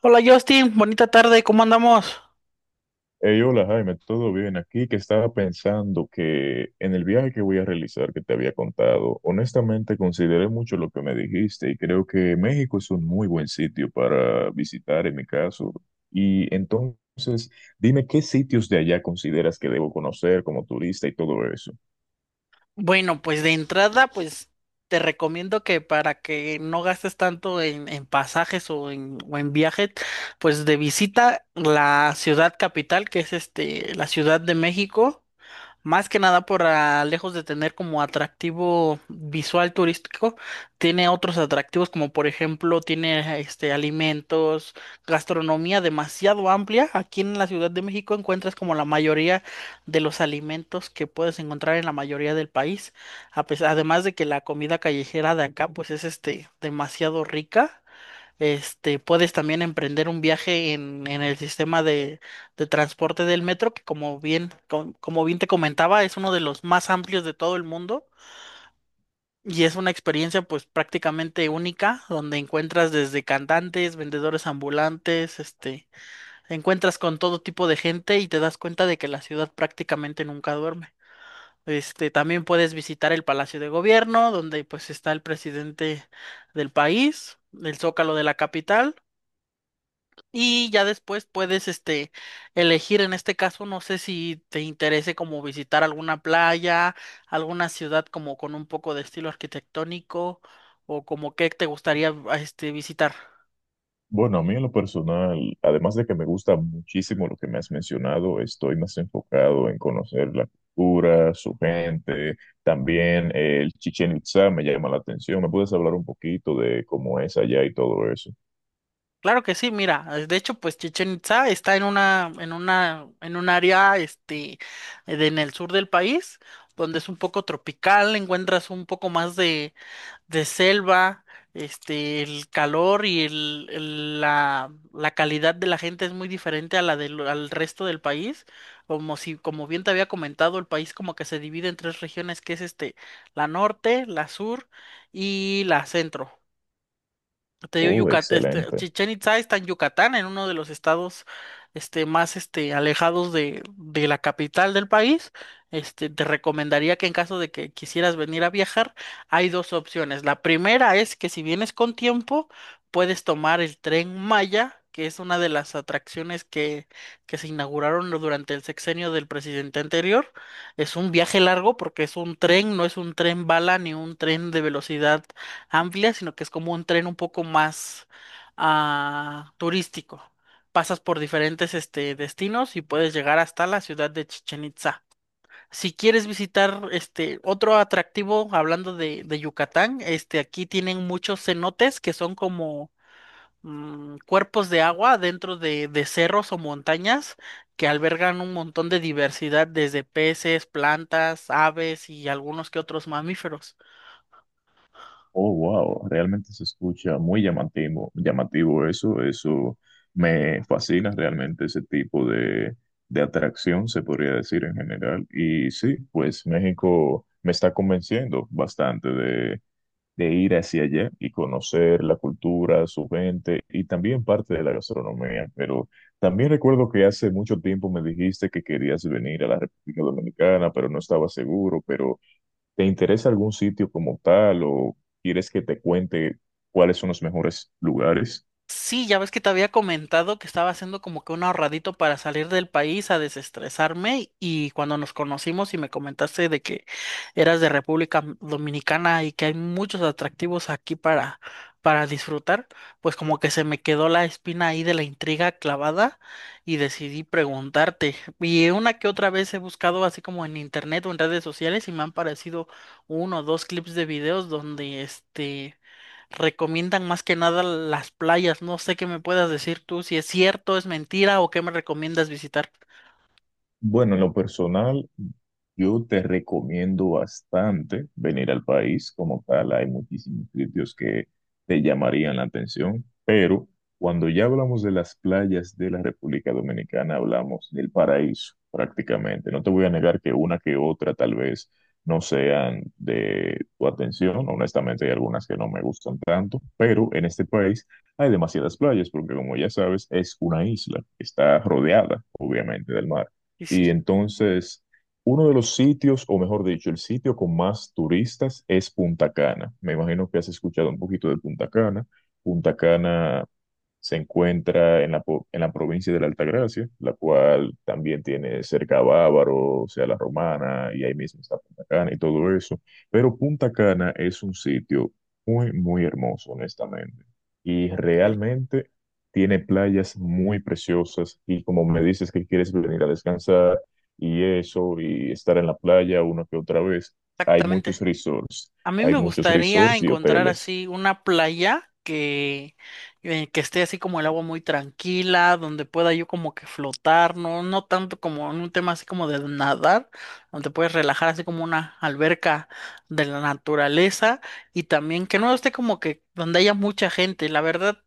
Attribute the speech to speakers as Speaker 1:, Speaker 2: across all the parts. Speaker 1: Hola Justin, bonita tarde, ¿cómo andamos?
Speaker 2: Hey, hola Jaime, ¿todo bien? Aquí que estaba pensando que en el viaje que voy a realizar que te había contado, honestamente consideré mucho lo que me dijiste y creo que México es un muy buen sitio para visitar en mi caso. Y entonces, dime qué sitios de allá consideras que debo conocer como turista y todo eso.
Speaker 1: Bueno, pues de entrada, pues te recomiendo que para que no gastes tanto en pasajes o en viajes, pues de visita la ciudad capital, la Ciudad de México. Más que nada lejos de tener como atractivo visual turístico, tiene otros atractivos como por ejemplo tiene alimentos, gastronomía demasiado amplia. Aquí en la Ciudad de México encuentras como la mayoría de los alimentos que puedes encontrar en la mayoría del país. Además de que la comida callejera de acá pues es demasiado rica. Puedes también emprender un viaje en el sistema de transporte del metro, que como bien te comentaba, es uno de los más amplios de todo el mundo y es una experiencia pues prácticamente única, donde encuentras desde cantantes, vendedores ambulantes, encuentras con todo tipo de gente y te das cuenta de que la ciudad prácticamente nunca duerme. También puedes visitar el Palacio de Gobierno, donde pues está el presidente del país, el Zócalo de la capital. Y ya después puedes, elegir, en este caso, no sé si te interese como visitar alguna playa, alguna ciudad como con un poco de estilo arquitectónico o como qué te gustaría, visitar.
Speaker 2: Bueno, a mí en lo personal, además de que me gusta muchísimo lo que me has mencionado, estoy más enfocado en conocer la cultura, su gente, también el Chichén Itzá me llama la atención. ¿Me puedes hablar un poquito de cómo es allá y todo eso?
Speaker 1: Claro que sí, mira, de hecho, pues Chichen Itza está en una, en un área, en el sur del país, donde es un poco tropical, encuentras un poco más de selva, el calor y la calidad de la gente es muy diferente a la del al resto del país. Como si, como bien te había comentado, el país como que se divide en tres regiones, la norte, la sur y la centro. Te digo,
Speaker 2: Oh,
Speaker 1: Yucatán,
Speaker 2: excelente.
Speaker 1: Chichén Itzá está en Yucatán, en uno de los estados alejados de la capital del país. Te recomendaría que en caso de que quisieras venir a viajar, hay dos opciones. La primera es que si vienes con tiempo, puedes tomar el tren Maya, que es una de las atracciones que se inauguraron durante el sexenio del presidente anterior. Es un viaje largo porque es un tren, no es un tren bala ni un tren de velocidad amplia, sino que es como un tren un poco más turístico. Pasas por diferentes destinos y puedes llegar hasta la ciudad de Chichen Itza. Si quieres visitar este otro atractivo, hablando de Yucatán, aquí tienen muchos cenotes que son como cuerpos de agua dentro de cerros o montañas que albergan un montón de diversidad, desde peces, plantas, aves y algunos que otros mamíferos.
Speaker 2: Oh, wow, realmente se escucha muy llamativo, llamativo eso, eso me fascina realmente ese tipo de atracción, se podría decir en general. Y sí, pues México me está convenciendo bastante de ir hacia allá y conocer la cultura, su gente y también parte de la gastronomía. Pero también recuerdo que hace mucho tiempo me dijiste que querías venir a la República Dominicana, pero no estaba seguro, pero... ¿Te interesa algún sitio como tal o quieres que te cuente cuáles son los mejores lugares?
Speaker 1: Sí, ya ves que te había comentado que estaba haciendo como que un ahorradito para salir del país a desestresarme, y cuando nos conocimos y me comentaste de que eras de República Dominicana y que hay muchos atractivos aquí para disfrutar, pues como que se me quedó la espina ahí de la intriga clavada y decidí preguntarte. Y una que otra vez he buscado así como en internet o en redes sociales y me han parecido uno o dos clips de videos donde recomiendan más que nada las playas. No sé qué me puedas decir tú, si es cierto, es mentira o qué me recomiendas visitar.
Speaker 2: Bueno, en lo personal, yo te recomiendo bastante venir al país como tal. Hay muchísimos sitios que te llamarían la atención, pero cuando ya hablamos de las playas de la República Dominicana, hablamos del paraíso prácticamente. No te voy a negar que una que otra tal vez no sean de tu atención. Honestamente, hay algunas que no me gustan tanto, pero en este país hay demasiadas playas porque como ya sabes, es una isla. Está rodeada, obviamente, del mar.
Speaker 1: Y
Speaker 2: Y
Speaker 1: sí,
Speaker 2: entonces... uno de los sitios, o mejor dicho, el sitio con más turistas es Punta Cana. Me imagino que has escuchado un poquito de Punta Cana. Punta Cana se encuentra en la, en la provincia de la Altagracia, la cual también tiene cerca a Bávaro, o sea, la Romana, y ahí mismo está Punta Cana y todo eso. Pero Punta Cana es un sitio muy, muy hermoso, honestamente. Y
Speaker 1: ok,
Speaker 2: realmente tiene playas muy preciosas. Y como me dices que quieres venir a descansar y eso, y estar en la playa una que otra vez, hay
Speaker 1: exactamente.
Speaker 2: muchos resorts.
Speaker 1: A mí
Speaker 2: Hay
Speaker 1: me
Speaker 2: muchos
Speaker 1: gustaría
Speaker 2: resorts y
Speaker 1: encontrar
Speaker 2: hoteles.
Speaker 1: así una playa que esté así como el agua muy tranquila, donde pueda yo como que flotar, no, no tanto como en un tema así como de nadar, donde puedes relajar así como una alberca de la naturaleza y también que no esté como que donde haya mucha gente. La verdad,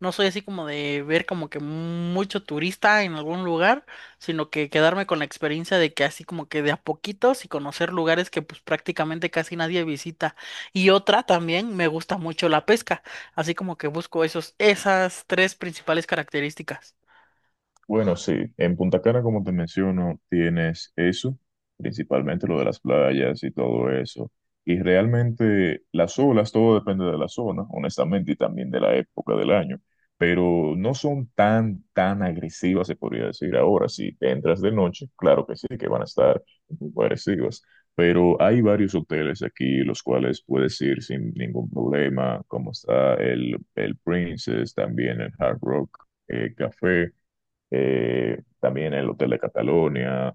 Speaker 1: no soy así como de ver como que mucho turista en algún lugar sino que quedarme con la experiencia de que así como que de a poquitos y conocer lugares que pues prácticamente casi nadie visita. Y otra también, me gusta mucho la pesca, así como que busco esos, esas tres principales características.
Speaker 2: Bueno, sí, en Punta Cana, como te menciono, tienes eso, principalmente lo de las playas y todo eso. Y realmente las olas, todo depende de la zona, honestamente, y también de la época del año. Pero no son tan, tan agresivas, se podría decir ahora. Si te entras de noche, claro que sí, que van a estar muy agresivas. Pero hay varios hoteles aquí, los cuales puedes ir sin ningún problema, como está el Princess, también el Hard Rock Café, también el Hotel de Cataluña,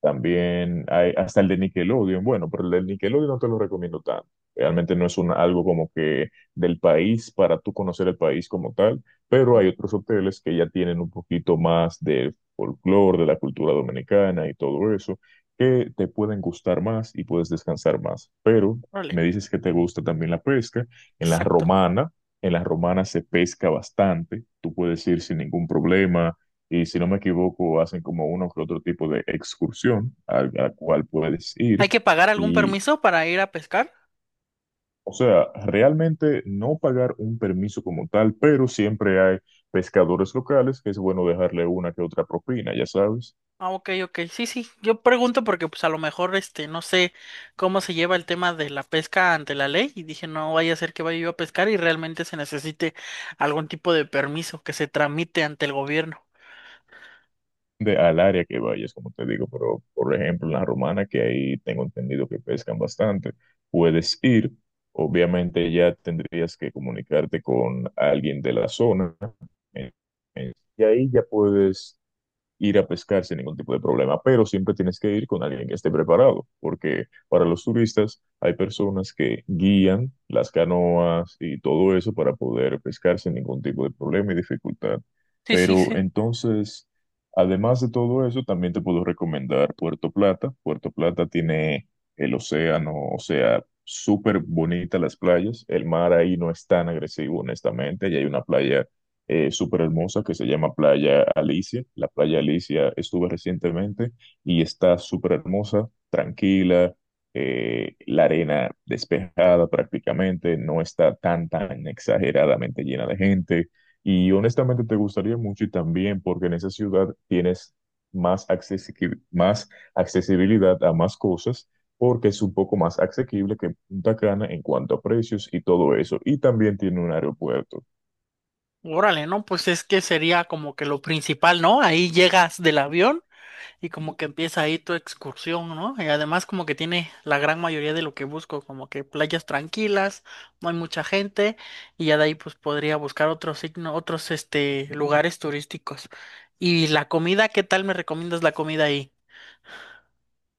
Speaker 2: también hay hasta el de Nickelodeon, bueno, pero el de Nickelodeon no te lo recomiendo tanto. Realmente no es un, algo como que del país para tú conocer el país como tal, pero hay otros hoteles que ya tienen un poquito más de folclore, de la cultura dominicana y todo eso, que te pueden gustar más y puedes descansar más. Pero
Speaker 1: Órale,
Speaker 2: me dices que te gusta también la pesca. En la
Speaker 1: exacto.
Speaker 2: Romana, en la Romana se pesca bastante, tú puedes ir sin ningún problema y si no me equivoco, hacen como uno que otro tipo de excursión a la cual puedes
Speaker 1: ¿Hay
Speaker 2: ir.
Speaker 1: que pagar algún
Speaker 2: Y,
Speaker 1: permiso para ir a pescar?
Speaker 2: o sea, realmente no pagar un permiso como tal, pero siempre hay pescadores locales que es bueno dejarle una que otra propina, ya sabes,
Speaker 1: Ah, ok, ok, sí, sí. Yo pregunto porque pues a lo mejor no sé cómo se lleva el tema de la pesca ante la ley y dije no vaya a ser que vaya yo a pescar y realmente se necesite algún tipo de permiso que se tramite ante el gobierno.
Speaker 2: de al área que vayas, como te digo. Pero, por ejemplo, en la Romana, que ahí tengo entendido que pescan bastante, puedes ir. Obviamente ya tendrías que comunicarte con alguien de la zona. En- y ahí ya puedes ir a pescar sin ningún tipo de problema, pero siempre tienes que ir con alguien que esté preparado, porque para los turistas hay personas que guían las canoas y todo eso para poder pescar sin ningún tipo de problema y dificultad.
Speaker 1: Sí, sí,
Speaker 2: Pero
Speaker 1: sí.
Speaker 2: entonces, además de todo eso, también te puedo recomendar Puerto Plata. Puerto Plata tiene el océano, o sea, súper bonita las playas. El mar ahí no es tan agresivo, honestamente, y hay una playa súper hermosa que se llama Playa Alicia. La Playa Alicia estuve recientemente y está súper hermosa, tranquila, la arena despejada prácticamente, no está tan, tan exageradamente llena de gente. Y honestamente te gustaría mucho y también porque en esa ciudad tienes más accesibilidad a más cosas porque es un poco más asequible que Punta Cana en cuanto a precios y todo eso. Y también tiene un aeropuerto.
Speaker 1: Órale, ¿no? Pues es que sería como que lo principal, ¿no? Ahí llegas del avión y como que empieza ahí tu excursión, ¿no? Y además como que tiene la gran mayoría de lo que busco, como que playas tranquilas, no hay mucha gente, y ya de ahí pues podría buscar otros signos, otros lugares turísticos. ¿Y la comida? ¿Qué tal me recomiendas la comida ahí?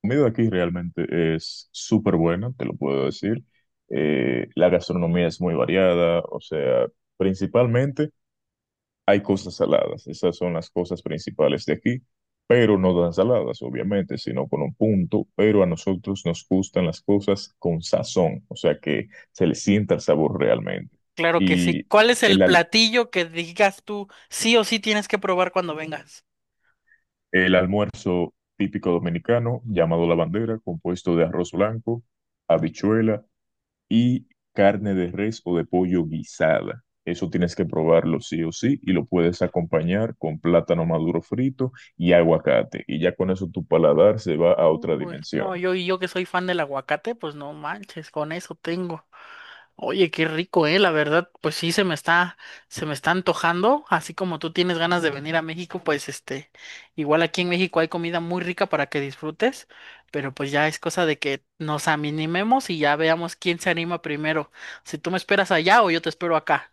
Speaker 2: Comida aquí realmente es súper buena, te lo puedo decir. La gastronomía es muy variada, o sea, principalmente hay cosas saladas, esas son las cosas principales de aquí, pero no tan saladas, obviamente, sino con un punto, pero a nosotros nos gustan las cosas con sazón, o sea, que se le sienta el sabor realmente.
Speaker 1: Claro que sí.
Speaker 2: Y
Speaker 1: ¿Cuál es
Speaker 2: el,
Speaker 1: el
Speaker 2: al-
Speaker 1: platillo que digas tú sí o sí tienes que probar cuando vengas?
Speaker 2: el almuerzo típico dominicano, llamado la bandera, compuesto de arroz blanco, habichuela, y carne de res o de pollo guisada. Eso tienes que probarlo sí o sí y lo puedes acompañar con plátano maduro frito y aguacate. Y ya con eso tu paladar se va a otra
Speaker 1: Uy, no,
Speaker 2: dimensión.
Speaker 1: yo que soy fan del aguacate, pues no manches, con eso tengo. Oye, qué rico, la verdad, pues se me está antojando, así como tú tienes ganas de venir a México, pues igual aquí en México hay comida muy rica para que disfrutes, pero pues ya es cosa de que nos animemos y ya veamos quién se anima primero, si tú me esperas allá o yo te espero acá.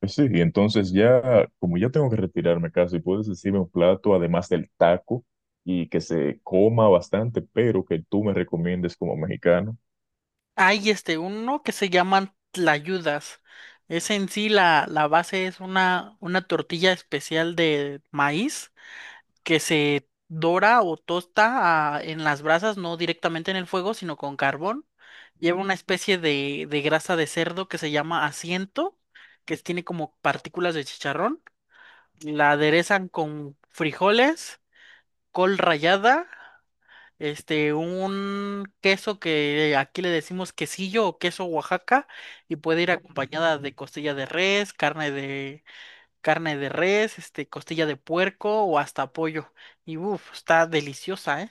Speaker 2: Pues sí, y entonces ya, como ya tengo que retirarme casi, puedes decirme un plato además del taco y que se coma bastante, pero que tú me recomiendes como mexicano.
Speaker 1: Hay uno que se llaman tlayudas. Es en sí la base es una tortilla especial de maíz que se dora o tosta en las brasas, no directamente en el fuego, sino con carbón. Lleva una especie de grasa de cerdo que se llama asiento, que tiene como partículas de chicharrón. La aderezan con frijoles, col rallada, un queso que aquí le decimos quesillo o queso Oaxaca y puede ir acompañada de costilla de res, carne de res, costilla de puerco o hasta pollo. Y uff, está deliciosa, ¿eh?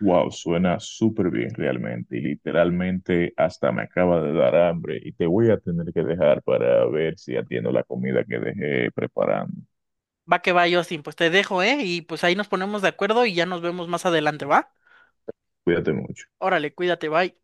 Speaker 2: Wow, suena súper bien realmente y literalmente hasta me acaba de dar hambre y te voy a tener que dejar para ver si atiendo la comida que dejé preparando.
Speaker 1: Va que va, Justin, pues te dejo, ¿eh? Y pues ahí nos ponemos de acuerdo y ya nos vemos más adelante, ¿va?
Speaker 2: Cuídate mucho.
Speaker 1: Órale, cuídate, bye.